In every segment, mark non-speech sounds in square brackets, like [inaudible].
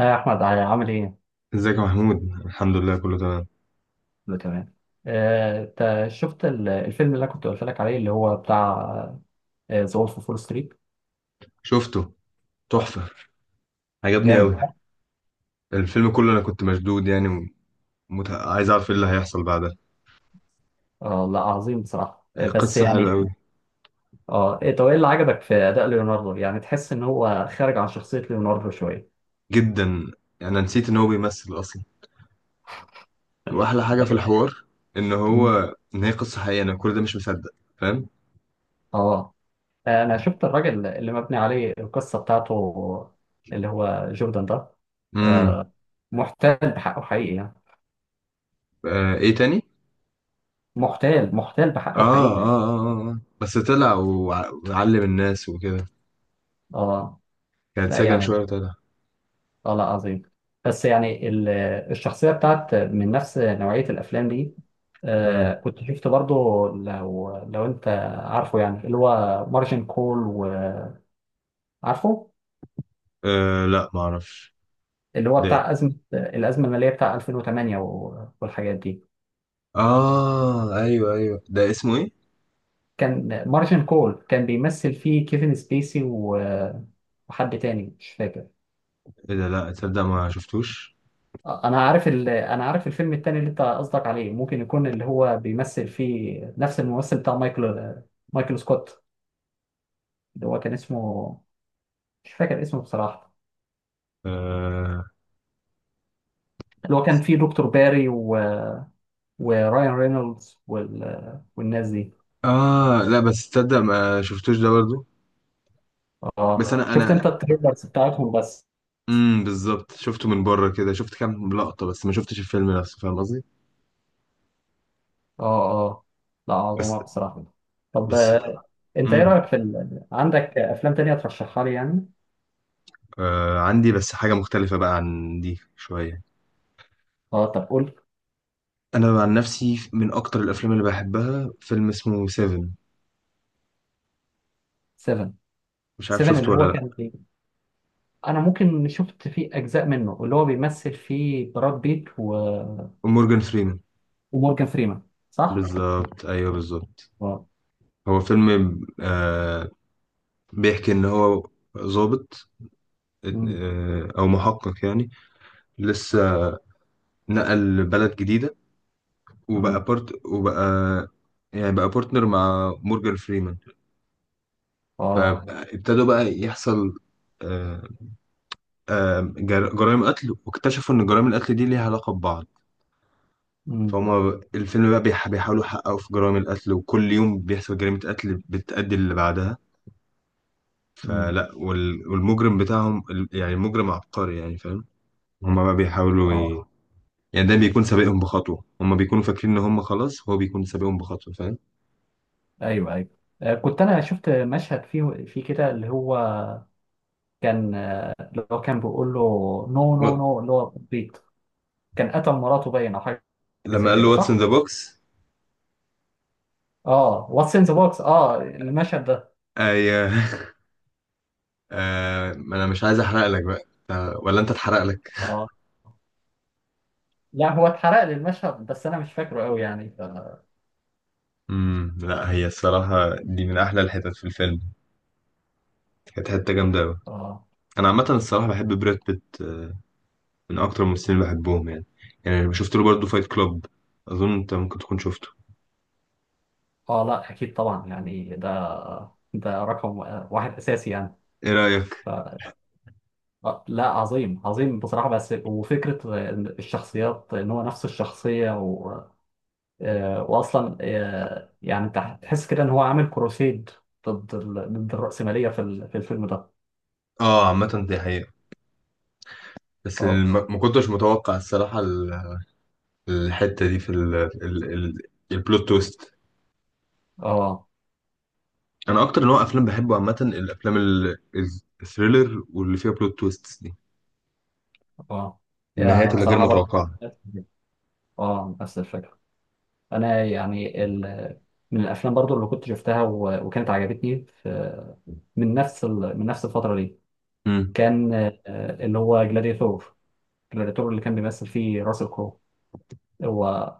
يا احمد، عامل ايه؟ ازيك يا محمود؟ الحمد لله، كله تمام. ده تمام. انت شفت الفيلم اللي انا كنت قلت لك عليه، اللي هو بتاع ذا وولف اوف فول ستريت. شفته. تحفة. عجبني جامد. قوي. الفيلم كله انا كنت مشدود يعني. عايز اعرف ايه اللي هيحصل بعدها. آه لا، عظيم بصراحه، بس قصة حلوة يعني. قوي. اه طب ايه اللي عجبك في اداء ليوناردو؟ يعني تحس ان هو خارج عن شخصيه ليوناردو شويه. جدا. انا نسيت ان هو بيمثل اصلا. واحلى حاجة في الحوار ان مم. هو ان هي قصة حقيقية، انا كل ده مش مصدق. فاهم؟ اه، انا شفت الراجل اللي مبني عليه القصه بتاعته، اللي هو جوردن ده. امم. آه، محتال بحقه حقيقي يعني. آه، ايه تاني؟ محتال محتال بحقه حقيقي. بس طلع وعلم الناس وكده. اه كان لا اتسجن يعني. شوية وطلع. اه لا، عظيم. بس يعني الشخصية بتاعت من نفس نوعية الأفلام دي. امم. آه، كنت شفت برضو، لو أنت عارفه، يعني اللي هو مارجن كول، وعارفه آه، لا معرفش. اللي هو ده... بتاع الأزمة المالية بتاع 2008 والحاجات دي. اه، ايوه، ايوه، ده اسمه ايه؟ كان مارجن كول كان بيمثل فيه كيفن سبيسي وحد تاني مش فاكر. ايه ده؟ لا تصدق ما شفتوش. أنا عارف الفيلم التاني اللي أنت قصدك عليه، ممكن يكون اللي هو بيمثل فيه نفس الممثل بتاع مايكل سكوت، اللي هو كان اسمه، مش فاكر اسمه بصراحة، آه... اللي هو كان فيه دكتور باري وراين رينولدز والناس دي. اه، لا، بس تصدق ما شفتوش ده برضو. بس اه، ما انا شفت انت انا التريلرز بتاعتهم بس. امم، بالظبط، شفته من بره كده، شفت كام لقطة بس ما شفتش الفيلم نفسه، فاهم قصدي؟ اه. اه لا، بس عظمة بصراحة. طب بس انت ايه امم. رأيك في عندك افلام تانية ترشحها لي يعني؟ آه، عندي بس حاجة مختلفة بقى عن دي شوية. اه طب قول. انا عن نفسي، من اكتر الافلام اللي بحبها فيلم اسمه سيفن. 7. مش عارف 7 اللي شفته ولا هو كان لا. فيه. انا ممكن شفت فيه اجزاء منه، اللي هو بيمثل فيه براد بيت مورجان فريمان. ومورجان فريمان، صح؟ بالظبط، ايوه بالظبط. اه. هو فيلم، آه، بيحكي ان هو ظابط، امم. آه، او محقق يعني. لسه نقل بلد جديده، وبقى امم. بارت وبقى يعني بقى بارتنر مع مورجان فريمان. اه. فابتدوا بقى يحصل، آه، جرائم قتل، واكتشفوا ان جرائم القتل دي ليها علاقه ببعض. فهم. الفيلم بقى بيحاولوا يحققوا في جرائم القتل، وكل يوم بيحصل جريمه قتل بتأدي اللي بعدها. امم. فلا والمجرم بتاعهم يعني المجرم عبقري يعني، فاهم؟ هما بقى بيحاولوا اه. يعني، ده بيكون سابقهم بخطوة، هما بيكونوا فاكرين إن هما خلاص هو بيكون سابقهم بخطوة، فاهم؟ ايوه ايوه. كنت انا شفت مشهد فيه في كده، اللي هو كان، اللي هو كان بيقول له نو و- نو نو، اللي هو بيت كان قتل مراته باين او حاجه لما زي قال له كده، واتس ان ذا صح؟ بوكس. اه، واتس ان ذا بوكس، اه المشهد ده. أي [laughs] آه، ما أنا مش عايز أحرق لك بقى. آه، ولا أنت اتحرق لك؟ اه لا، هو اتحرق لي المشهد، بس انا مش فاكره قوي يعني امم. لا، هي الصراحة دي من أحلى الحتت في الفيلم. كانت حتة جامدة أوي. اه. أنا عامة الصراحة بحب براد بيت، آه، من أكتر الممثلين اللي بحبهم يعني. يعني أنا شفت له برضه فايت كلاب، أظن أنت ممكن تكون شفته. اه لا اكيد طبعا، يعني ده ده رقم واحد اساسي يعني. إيه رأيك؟ ف... لا عظيم عظيم بصراحه، بس وفكره الشخصيات ان هو نفس الشخصيه. واصلا يعني انت هتحس كده ان هو عامل كروسيد ضد ضد الرأسمالية في في الفيلم ده. آه، عامة دي حقيقة، بس اه ما كنتش متوقع الصراحة الحته دي في ال ال ال البلوت تويست. اه انا اكتر نوع افلام بحبه عامه الافلام الثريلر، واللي فيها بلوت تويست دي، اه. يعني أنا النهايات اللي غير بصراحة برضه، متوقعه. اه، نفس الفكرة. انا يعني من الافلام برضه اللي كنت شفتها وكانت عجبتني من نفس من نفس الفترة دي، امم، كان اللي هو جلاديتور. جلاديتور اللي كان بيمثل فيه راسل كرو، هو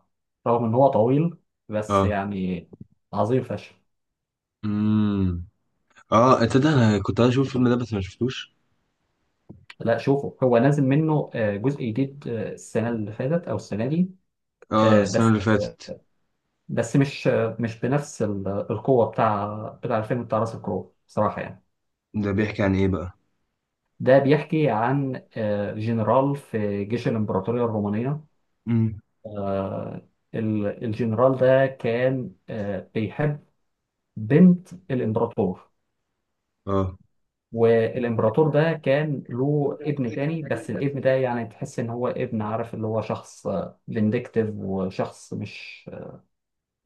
رغم ان هو طويل، بس اه، يعني عظيم فشخ. امم، اه، انت ده انا كنت عايز اشوف الفيلم ده بس ما شفتوش. لا شوفوا، هو نازل منه جزء جديد، السنة اللي فاتت أو السنة دي. اه، آه، السنه بس اللي آه، فاتت. بس مش بنفس القوة بتاع بتاع الفيلم بتاع راس الكرو بصراحة يعني. ده بيحكي عن ايه بقى؟ ده بيحكي عن جنرال في جيش الإمبراطورية الرومانية. امم، آه، الجنرال ده كان بيحب بنت الإمبراطور. اه، والإمبراطور ده كان له ابن تاني، بس الابن ده يعني تحس إن هو ابن، عارف، اللي هو شخص فينديكتيف، وشخص مش،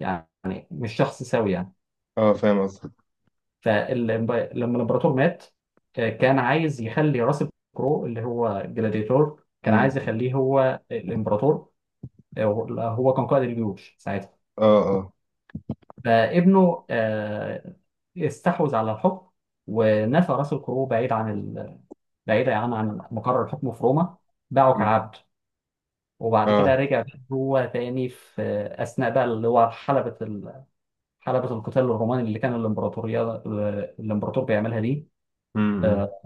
يعني، مش شخص سوي يعني. اه، فاهم قصدك. فلما الامبراطور مات، كان عايز يخلي راسل كرو اللي هو جلاديتور، كان امم. عايز يخليه هو الامبراطور. آه، هو كان قائد الجيوش ساعتها. اه، اه. فابنه استحوذ على الحكم، ونفى راسل كرو بعيد عن بعيد يعني عن مقر الحكم في روما، باعه مم. كعبد. وبعد كده اه. رجع هو تاني في أثناء بقى اللي هو حلبة القتال الروماني اللي كان الإمبراطور بيعملها دي. امم. آه،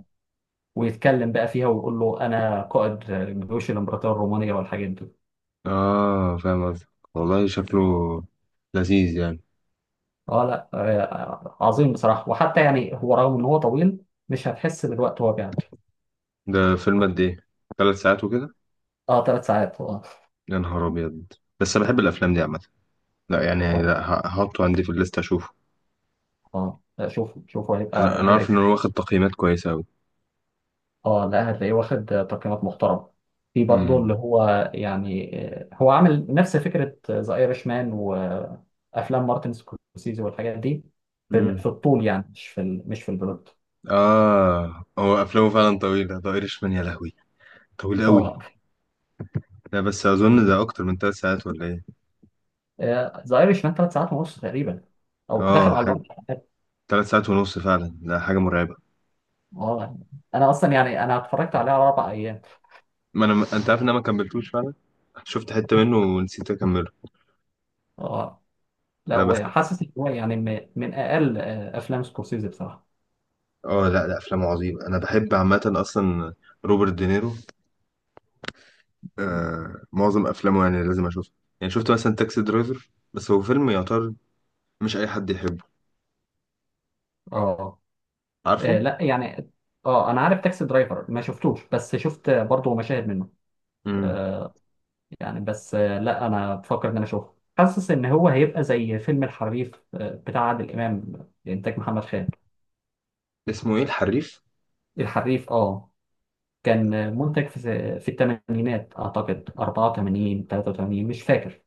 ويتكلم بقى فيها ويقول له أنا قائد جيوش الإمبراطورية الرومانية والحاجات دي. اه، فاهم قصدك. والله شكله لذيذ يعني. أه لا عظيم بصراحة. وحتى يعني هو رغم إن هو طويل، مش هتحس بالوقت وهو بيعدي. ده فيلم قد ايه، 3 ساعات وكده؟ أه، ثلاث ساعات، أه. يا نهار ابيض. بس انا بحب الافلام دي عامه. لا يعني، أه لا، هحطه عندي في الليست اشوفه. أه لا، شوف شوف، انا هيبقى أنا عارف ان هيبقى هو واخد تقييمات كويسه قوي. اه لا، هتلاقيه واخد تقييمات محترمه. في برضه اللي امم. هو يعني هو عامل نفس فكره ذا ايرش مان وافلام مارتن سكورسيزي والحاجات دي، في امم. في الطول، يعني مش في ال... مش في البلوت. اه، هو افلامه فعلا طويله، ده ايرشمان يا لهوي، طويل قوي. اه، لا بس اظن ده اكتر من 3 ساعات ولا ايه؟ ذا ايرش مان ثلاث ساعات ونص تقريبا، او داخل اه، على حاجه. الاربع. 3 ساعات ونص فعلا، ده حاجه مرعبه. اه، انا اصلا يعني انا اتفرجت عليه على اربع ايام. ما انا انت عارف ان انا ما كملتوش فعلا، شفت حته منه ونسيت اكمله. اه لا، لا بس، وحاسس ان هو يعني من اقل افلام سكورسيزي بصراحه. اه، لا، لا، افلامه عظيمه، انا بحب عامه اصلا روبرت دينيرو. آه، معظم افلامه يعني لازم اشوفها. يعني شفت مثلا تاكسي درايفر، بس هو فيلم يعتبر مش اي حد يحبه، اه. آه عارفه. لا يعني. اه انا عارف تاكسي درايفر، ما شفتوش، بس شفت برضه مشاهد منه. امم. آه، يعني بس آه لا، انا بفكر ان انا اشوفه. حاسس ان هو هيبقى زي فيلم الحريف، بتاع عادل امام، انتاج محمد خان. اسمه ايه الحريف؟ الحريف، اه، كان منتج في الثمانينات، اعتقد 84 83، مش فاكر.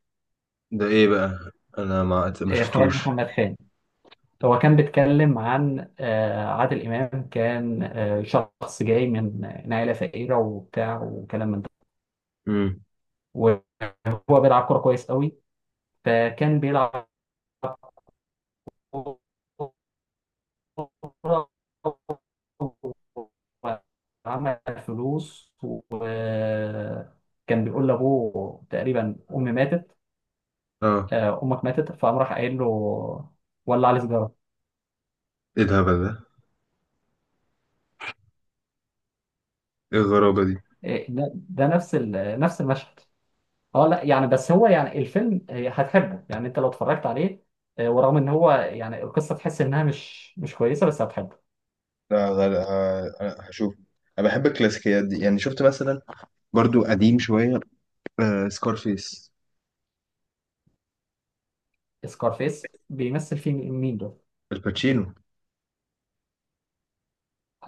ده ايه بقى؟ انا ما اخراج شفتوش. محمد خان. هو كان بيتكلم عن عادل امام، كان شخص جاي من عائله فقيره وبتاع وكلام من ده. امم. وهو بيلعب كرة كويس قوي، فكان بيلعب كرة وعمل فلوس. وكان بيقول لأبوه تقريبا، أمي ماتت، اه، أمك ماتت. فقام راح قايل له، ولع لي سيجارة. ايه الهبل ده؟ ايه الغرابة دي؟ إيه، ده نفس نفس المشهد. اه لا يعني، بس هو يعني الفيلم هتحبه يعني انت لو اتفرجت عليه. ورغم ان هو يعني القصة تحس انها مش كويسة، بس هتحبه. لا غير، هشوف. انا بحب الكلاسيكيات دي، يعني شفت مثلا برضو قديم شويه، آه، سكارفيس. سكارفيس بيمثل فيه مين ده؟ الباتشينو.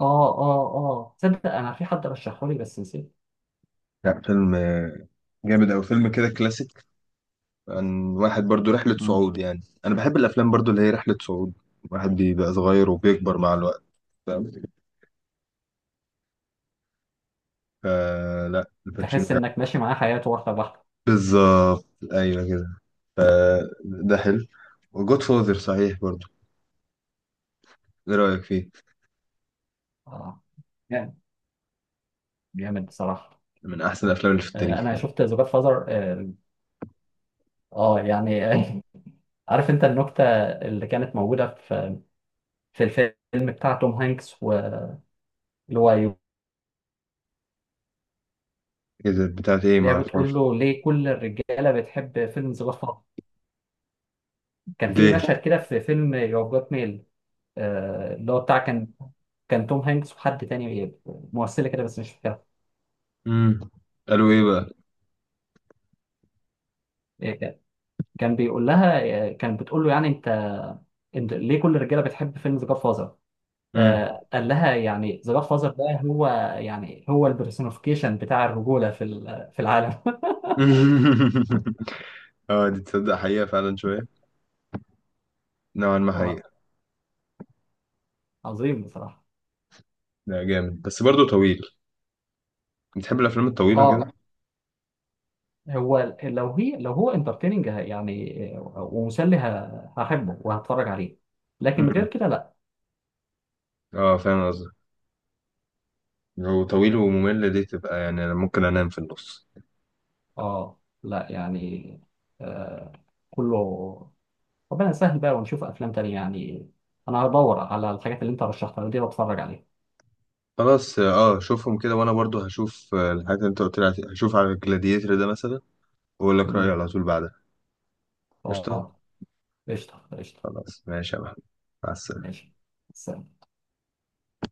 اه اه اه، تصدق انا في حد رشحه لي بس نسيت. لا، فيلم جامد أوي، فيلم كده كلاسيك، عن واحد برضو رحلة مم. صعود، يعني أنا بحب الأفلام برضو اللي هي رحلة صعود، واحد بيبقى صغير وبيكبر مع الوقت، فاهم؟ فلا الباتشينو تحس حلو. انك ماشي معاه حياته واحده بواحده. بالظبط. أيوة كده، فده حلو. وجود فوزر صحيح برضو، إيه رأيك فيه؟ اه. جامد. جامد بصراحه. من أحسن الأفلام اللي في آه، التاريخ انا يعني. شفت ذا جاد فازر، اه. آه، يعني آه [laughs] عارف انت النكته اللي كانت موجوده في الفيلم بتاع توم هانكس، واللي هو يو، إذا بتاعت إيه اللي هي بتقول معرفهاش. له، ليه كل الرجاله بتحب فيلم ذا جاد فازر؟ كان في ليه؟ مشهد كده في فيلم يو جاد ميل. اللي هو بتاع كان توم هانكس وحد تاني، ممثله كده بس مش فاكرها. مم. قالوا إيه بقى؟ إيه، كان بيقول لها، كان بتقول له يعني انت ليه كل الرجاله بتحب فيلم ذا جاد فازر؟ مم. قال لها، يعني ذا جاد فازر ده هو، يعني هو البرسونيفيكيشن بتاع الرجوله في في العالم. [laughs] [laughs] اه، دي تصدق حقيقة فعلا شوية، نوعا ما آه، حقيقة. عظيم بصراحه. لا جامد، بس برضو طويل، بتحب الأفلام الطويلة اه، كده؟ لو هو انترتيننج، يعني ومسلي، هحبه وهتفرج عليه. لكن غير مم. كده لا. اه، فاهم قصدي. لو طويل وممل دي تبقى يعني أنا ممكن أنام في النص. اه لا يعني. آه، كله ربنا يسهل بقى، ونشوف افلام تانية يعني. انا هدور على الحاجات اللي انت رشحتها لي دي واتفرج عليها. خلاص، اه، شوفهم كده، وأنا برضو هشوف الحاجات اللي أنت قلت لي عليها. هشوف على الجلاديتر ده مثلا، وأقول لك رأيي امم. على طول بعدها. قشطة. اه. قشطه قشطه. خلاص، ماشي يا محمد، مع السلامة. ماشي. سلام.